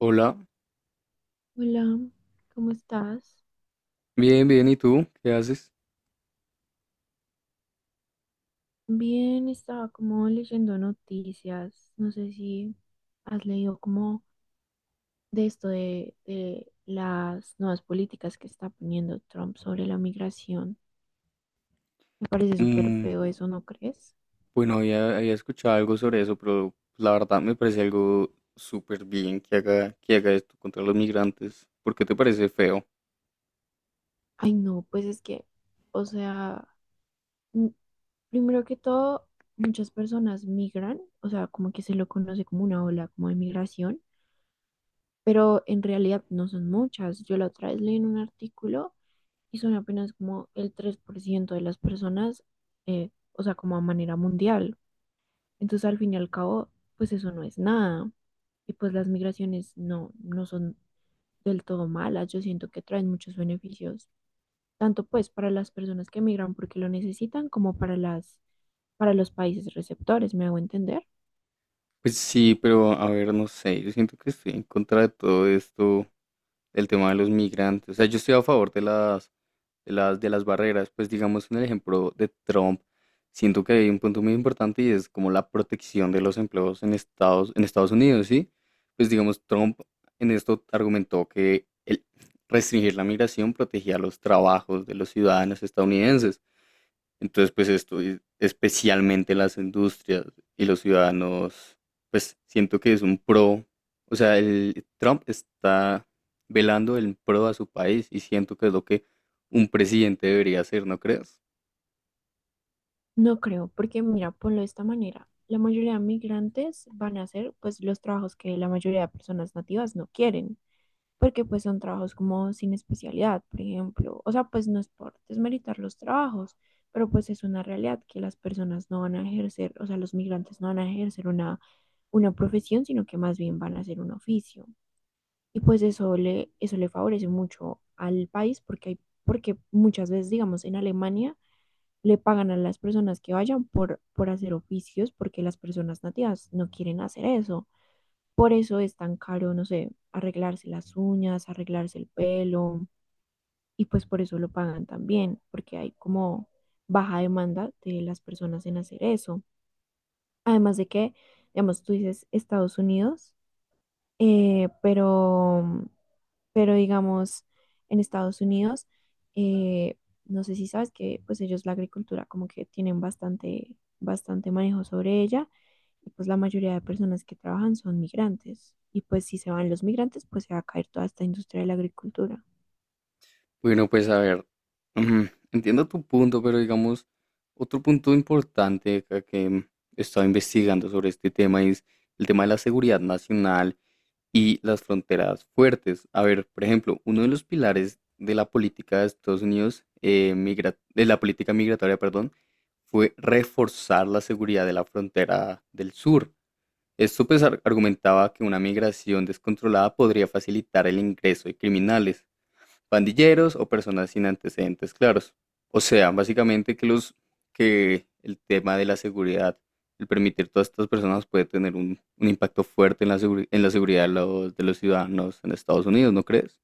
Hola, Hola, ¿cómo estás? bien, bien, ¿y tú? ¿Qué haces? Bien, estaba como leyendo noticias. No sé si has leído como de esto de las nuevas políticas que está poniendo Trump sobre la migración. Me parece súper Mm, feo eso, ¿no crees? bueno, había escuchado algo sobre eso, pero la verdad me parece algo súper bien que haga esto contra los migrantes. ¿Por qué te parece feo? Ay, no, pues es que, o sea, mm, primero que todo, muchas personas migran, o sea, como que se lo conoce como una ola como de migración, pero en realidad no son muchas. Yo la otra vez leí en un artículo y son apenas como el 3% de las personas, o sea, como a manera mundial. Entonces, al fin y al cabo, pues eso no es nada. Y pues las migraciones no son del todo malas. Yo siento que traen muchos beneficios, tanto pues para las personas que migran porque lo necesitan, como para para los países receptores, ¿me hago entender? Pues sí, pero a ver, no sé, yo siento que estoy en contra de todo esto del tema de los migrantes. O sea, yo estoy a favor de las, de las barreras. Pues digamos en el ejemplo de Trump, siento que hay un punto muy importante y es como la protección de los empleos en Estados Unidos, ¿sí? Pues digamos, Trump en esto argumentó que el restringir la migración protegía los trabajos de los ciudadanos estadounidenses. Entonces, pues esto, especialmente las industrias y los ciudadanos, pues siento que es un pro, o sea, el Trump está velando el pro a su país y siento que es lo que un presidente debería hacer, ¿no crees? No creo, porque mira, ponlo de esta manera. La mayoría de migrantes van a hacer pues los trabajos que la mayoría de personas nativas no quieren, porque pues son trabajos como sin especialidad, por ejemplo. O sea, pues no es por desmeritar los trabajos, pero pues es una realidad que las personas no van a ejercer, o sea, los migrantes no van a ejercer una profesión, sino que más bien van a hacer un oficio. Y pues eso le favorece mucho al país porque, hay, porque muchas veces, digamos, en Alemania le pagan a las personas que vayan por hacer oficios porque las personas nativas no quieren hacer eso. Por eso es tan caro, no sé, arreglarse las uñas, arreglarse el pelo, y pues por eso lo pagan también, porque hay como baja demanda de las personas en hacer eso. Además de que, digamos, tú dices Estados Unidos. Eh, pero, pero digamos, en Estados Unidos, eh, no sé si sabes que pues ellos la agricultura como que tienen bastante manejo sobre ella y pues la mayoría de personas que trabajan son migrantes, y pues si se van los migrantes pues se va a caer toda esta industria de la agricultura. Bueno, pues a ver, ujú, entiendo tu punto, pero digamos, otro punto importante acá que he estado investigando sobre este tema es el tema de la seguridad nacional y las fronteras fuertes. A ver, por ejemplo, uno de los pilares de la política de Estados Unidos, de la política migratoria, perdón, fue reforzar la seguridad de la frontera del sur. Esto pues argumentaba que una migración descontrolada podría facilitar el ingreso de criminales, pandilleros o personas sin antecedentes claros. O sea, básicamente que los, que el tema de la seguridad, el permitir todas estas personas puede tener un impacto fuerte en la, en la seguridad de los ciudadanos en Estados Unidos, ¿no crees?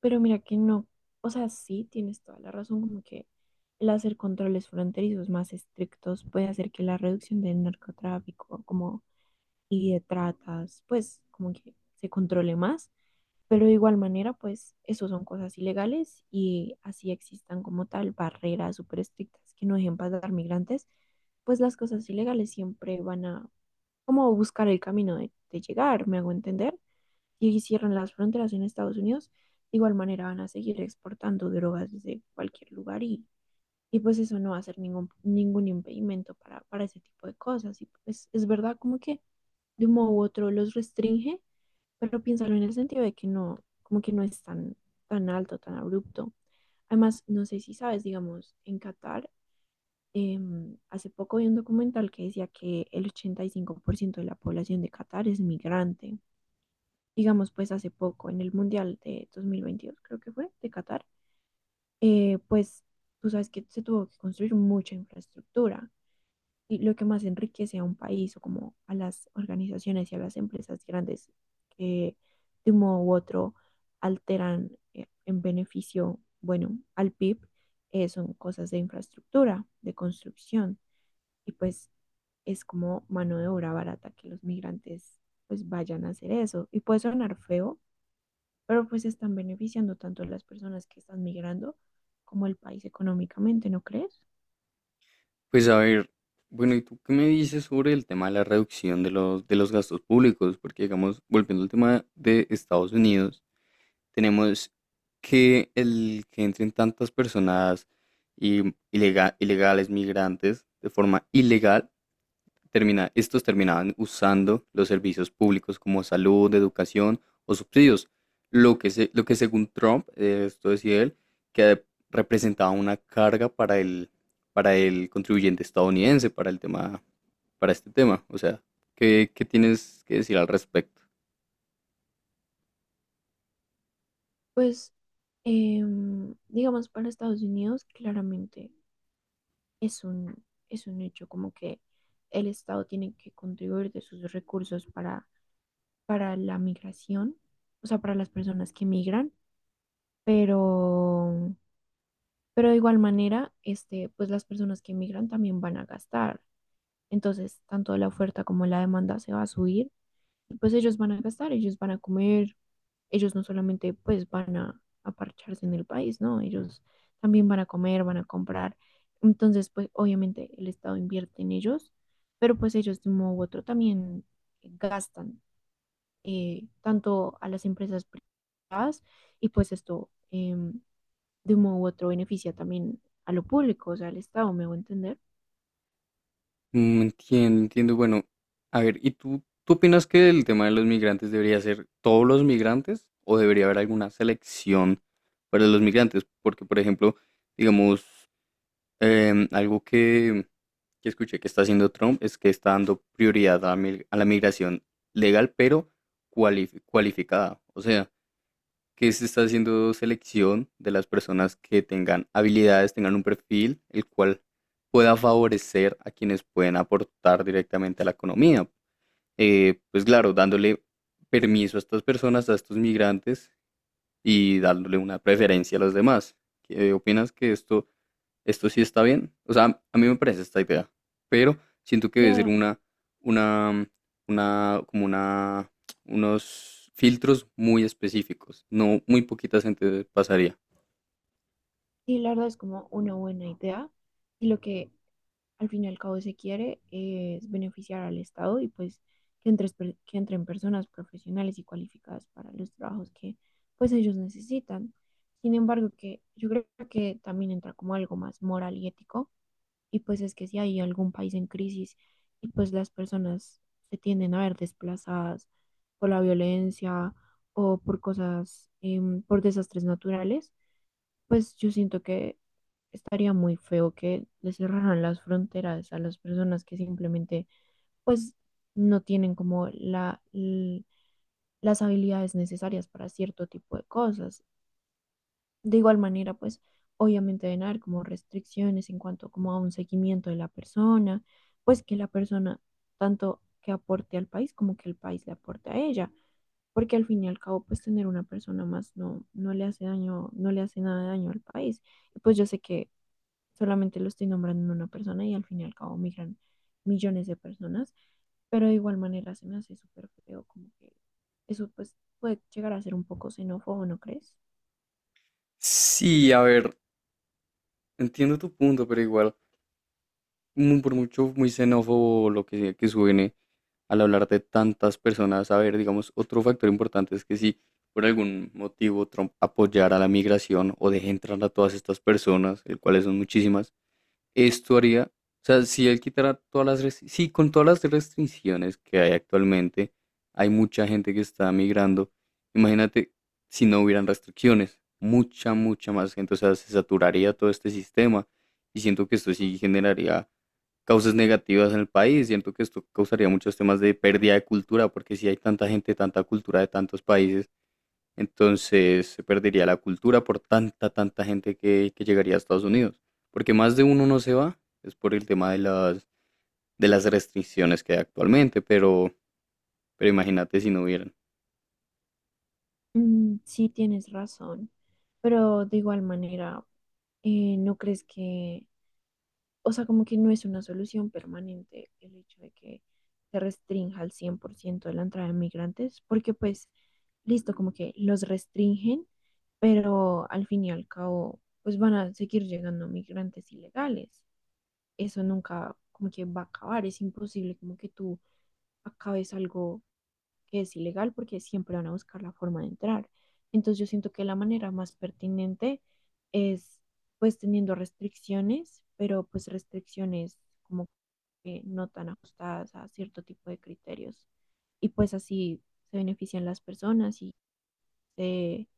Pero mira que no, o sea, sí tienes toda la razón como que el hacer controles fronterizos más estrictos puede hacer que la reducción del narcotráfico como y tratas, pues como que se controle más, pero de igual manera, pues eso son cosas ilegales y así existan como tal barreras súper estrictas que no dejen pasar migrantes, pues las cosas ilegales siempre van a como buscar el camino de llegar, me hago entender, y si cierran las fronteras en Estados Unidos, de igual manera van a seguir exportando drogas desde cualquier lugar y pues eso no va a ser ningún impedimento para ese tipo de cosas. Y pues es verdad como que de un modo u otro los restringe, pero piénsalo en el sentido de que no, como que no es tan alto, tan abrupto. Además, no sé si sabes, digamos, en Qatar, hace poco vi un documental que decía que el 85% de la población de Qatar es migrante. Digamos, pues hace poco, en el Mundial de 2022, creo que fue, de Qatar, pues tú sabes que se tuvo que construir mucha infraestructura, y lo que más enriquece a un país o como a las organizaciones y a las empresas grandes que de un modo u otro alteran en beneficio, bueno, al PIB, son cosas de infraestructura, de construcción y pues es como mano de obra barata que los migrantes pues vayan a hacer eso. Y puede sonar feo, pero pues están beneficiando tanto las personas que están migrando como el país económicamente, ¿no crees? Pues a ver, bueno, ¿y tú qué me dices sobre el tema de la reducción de los gastos públicos? Porque, digamos, volviendo al tema de Estados Unidos, tenemos que el que entren tantas personas y ilegales, migrantes, de forma ilegal, termina, estos terminaban usando los servicios públicos como salud, educación o subsidios, lo que, lo que según Trump, esto decía él, que representaba una carga para el contribuyente estadounidense, para el tema, para este tema. O sea, ¿qué, qué tienes que decir al respecto? Pues, digamos, para Estados Unidos, claramente es un, es un hecho como que el Estado tiene que contribuir de sus recursos para la migración, o sea, para las personas que migran, pero, pero de igual manera, este, pues las personas que migran también van a gastar. Entonces, tanto la oferta como la demanda se va a subir, pues ellos van a gastar, ellos van a comer, ellos no solamente pues van a parcharse en el país, ¿no? Ellos también van a comer, van a comprar. Entonces, pues obviamente el Estado invierte en ellos, pero pues ellos de un modo u otro también gastan, tanto a las empresas privadas, y pues esto, de un modo u otro beneficia también a lo público, o sea, al Estado, me voy a entender. Entiendo, entiendo. Bueno, a ver, ¿y tú opinas que el tema de los migrantes debería ser todos los migrantes o debería haber alguna selección para los migrantes? Porque, por ejemplo, digamos, algo que escuché que está haciendo Trump es que está dando prioridad a, a la migración legal, pero cualificada. O sea, que se está haciendo selección de las personas que tengan habilidades, tengan un perfil, el cual pueda favorecer a quienes pueden aportar directamente a la economía. Pues claro, dándole permiso a estas personas, a estos migrantes y dándole una preferencia a los demás. ¿Qué opinas? Que esto sí está bien. O sea, a mí me parece esta idea, pero siento que debe ser La, una, una, como una, unos filtros muy específicos. No, muy poquita gente pasaría. y la verdad es como una buena idea. Y lo que al fin y al cabo se quiere es beneficiar al Estado y pues que, entre, que entren personas profesionales y cualificadas para los trabajos que pues ellos necesitan. Sin embargo, que yo creo que también entra como algo más moral y ético y pues es que si hay algún país en crisis y pues las personas se tienden a ver desplazadas por la violencia o por cosas, por desastres naturales, pues yo siento que estaría muy feo que le cerraran las fronteras a las personas que simplemente, pues, no tienen como las habilidades necesarias para cierto tipo de cosas. De igual manera, pues, obviamente deben haber como restricciones en cuanto como a un seguimiento de la persona, pues que la persona tanto que aporte al país como que el país le aporte a ella, porque al fin y al cabo, pues, tener una persona más no le hace daño, no le hace nada de daño al país. Pues yo sé que solamente lo estoy nombrando en una persona y al fin y al cabo migran millones de personas, pero de igual manera se me hace súper feo, como que eso pues puede llegar a ser un poco xenófobo, ¿no crees? Sí, a ver, entiendo tu punto, pero igual, por mucho muy xenófobo lo que sea que suene al hablar de tantas personas, a ver, digamos, otro factor importante es que si por algún motivo Trump apoyara la migración o deje entrar a todas estas personas, el cuales son muchísimas. Esto haría, o sea, si él quitara todas las, sí, con todas las restricciones que hay actualmente, hay mucha gente que está migrando. Imagínate si no hubieran restricciones, mucha, mucha más gente, o sea, se saturaría todo este sistema y siento que esto sí generaría causas negativas en el país, siento que esto causaría muchos temas de pérdida de cultura, porque si hay tanta gente, tanta cultura de tantos países, entonces se perdería la cultura por tanta, tanta gente que llegaría a Estados Unidos. Porque más de uno no se va, es por el tema de las restricciones que hay actualmente, pero imagínate si no hubieran. Mm, sí, tienes razón, pero de igual manera, ¿no crees que, o sea, como que no es una solución permanente el hecho de que se restrinja al 100% de la entrada de migrantes? Porque pues, listo, como que los restringen, pero al fin y al cabo, pues van a seguir llegando migrantes ilegales. Eso nunca como que va a acabar, es imposible como que tú acabes algo que es ilegal porque siempre van a buscar la forma de entrar. Entonces yo siento que la manera más pertinente es pues teniendo restricciones, pero pues restricciones como que no tan ajustadas a cierto tipo de criterios. Y pues así se benefician las personas y se,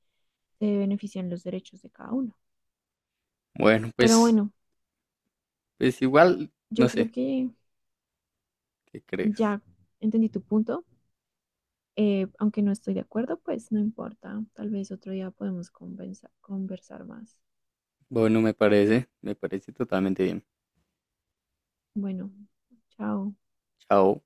se benefician los derechos de cada uno. Bueno, Pero pues, bueno, pues igual, no yo creo sé, que ¿qué crees? ya entendí tu punto. Aunque no estoy de acuerdo, pues no importa. Tal vez otro día podemos conversar más. Bueno, me parece totalmente bien. Bueno, chao. Chao.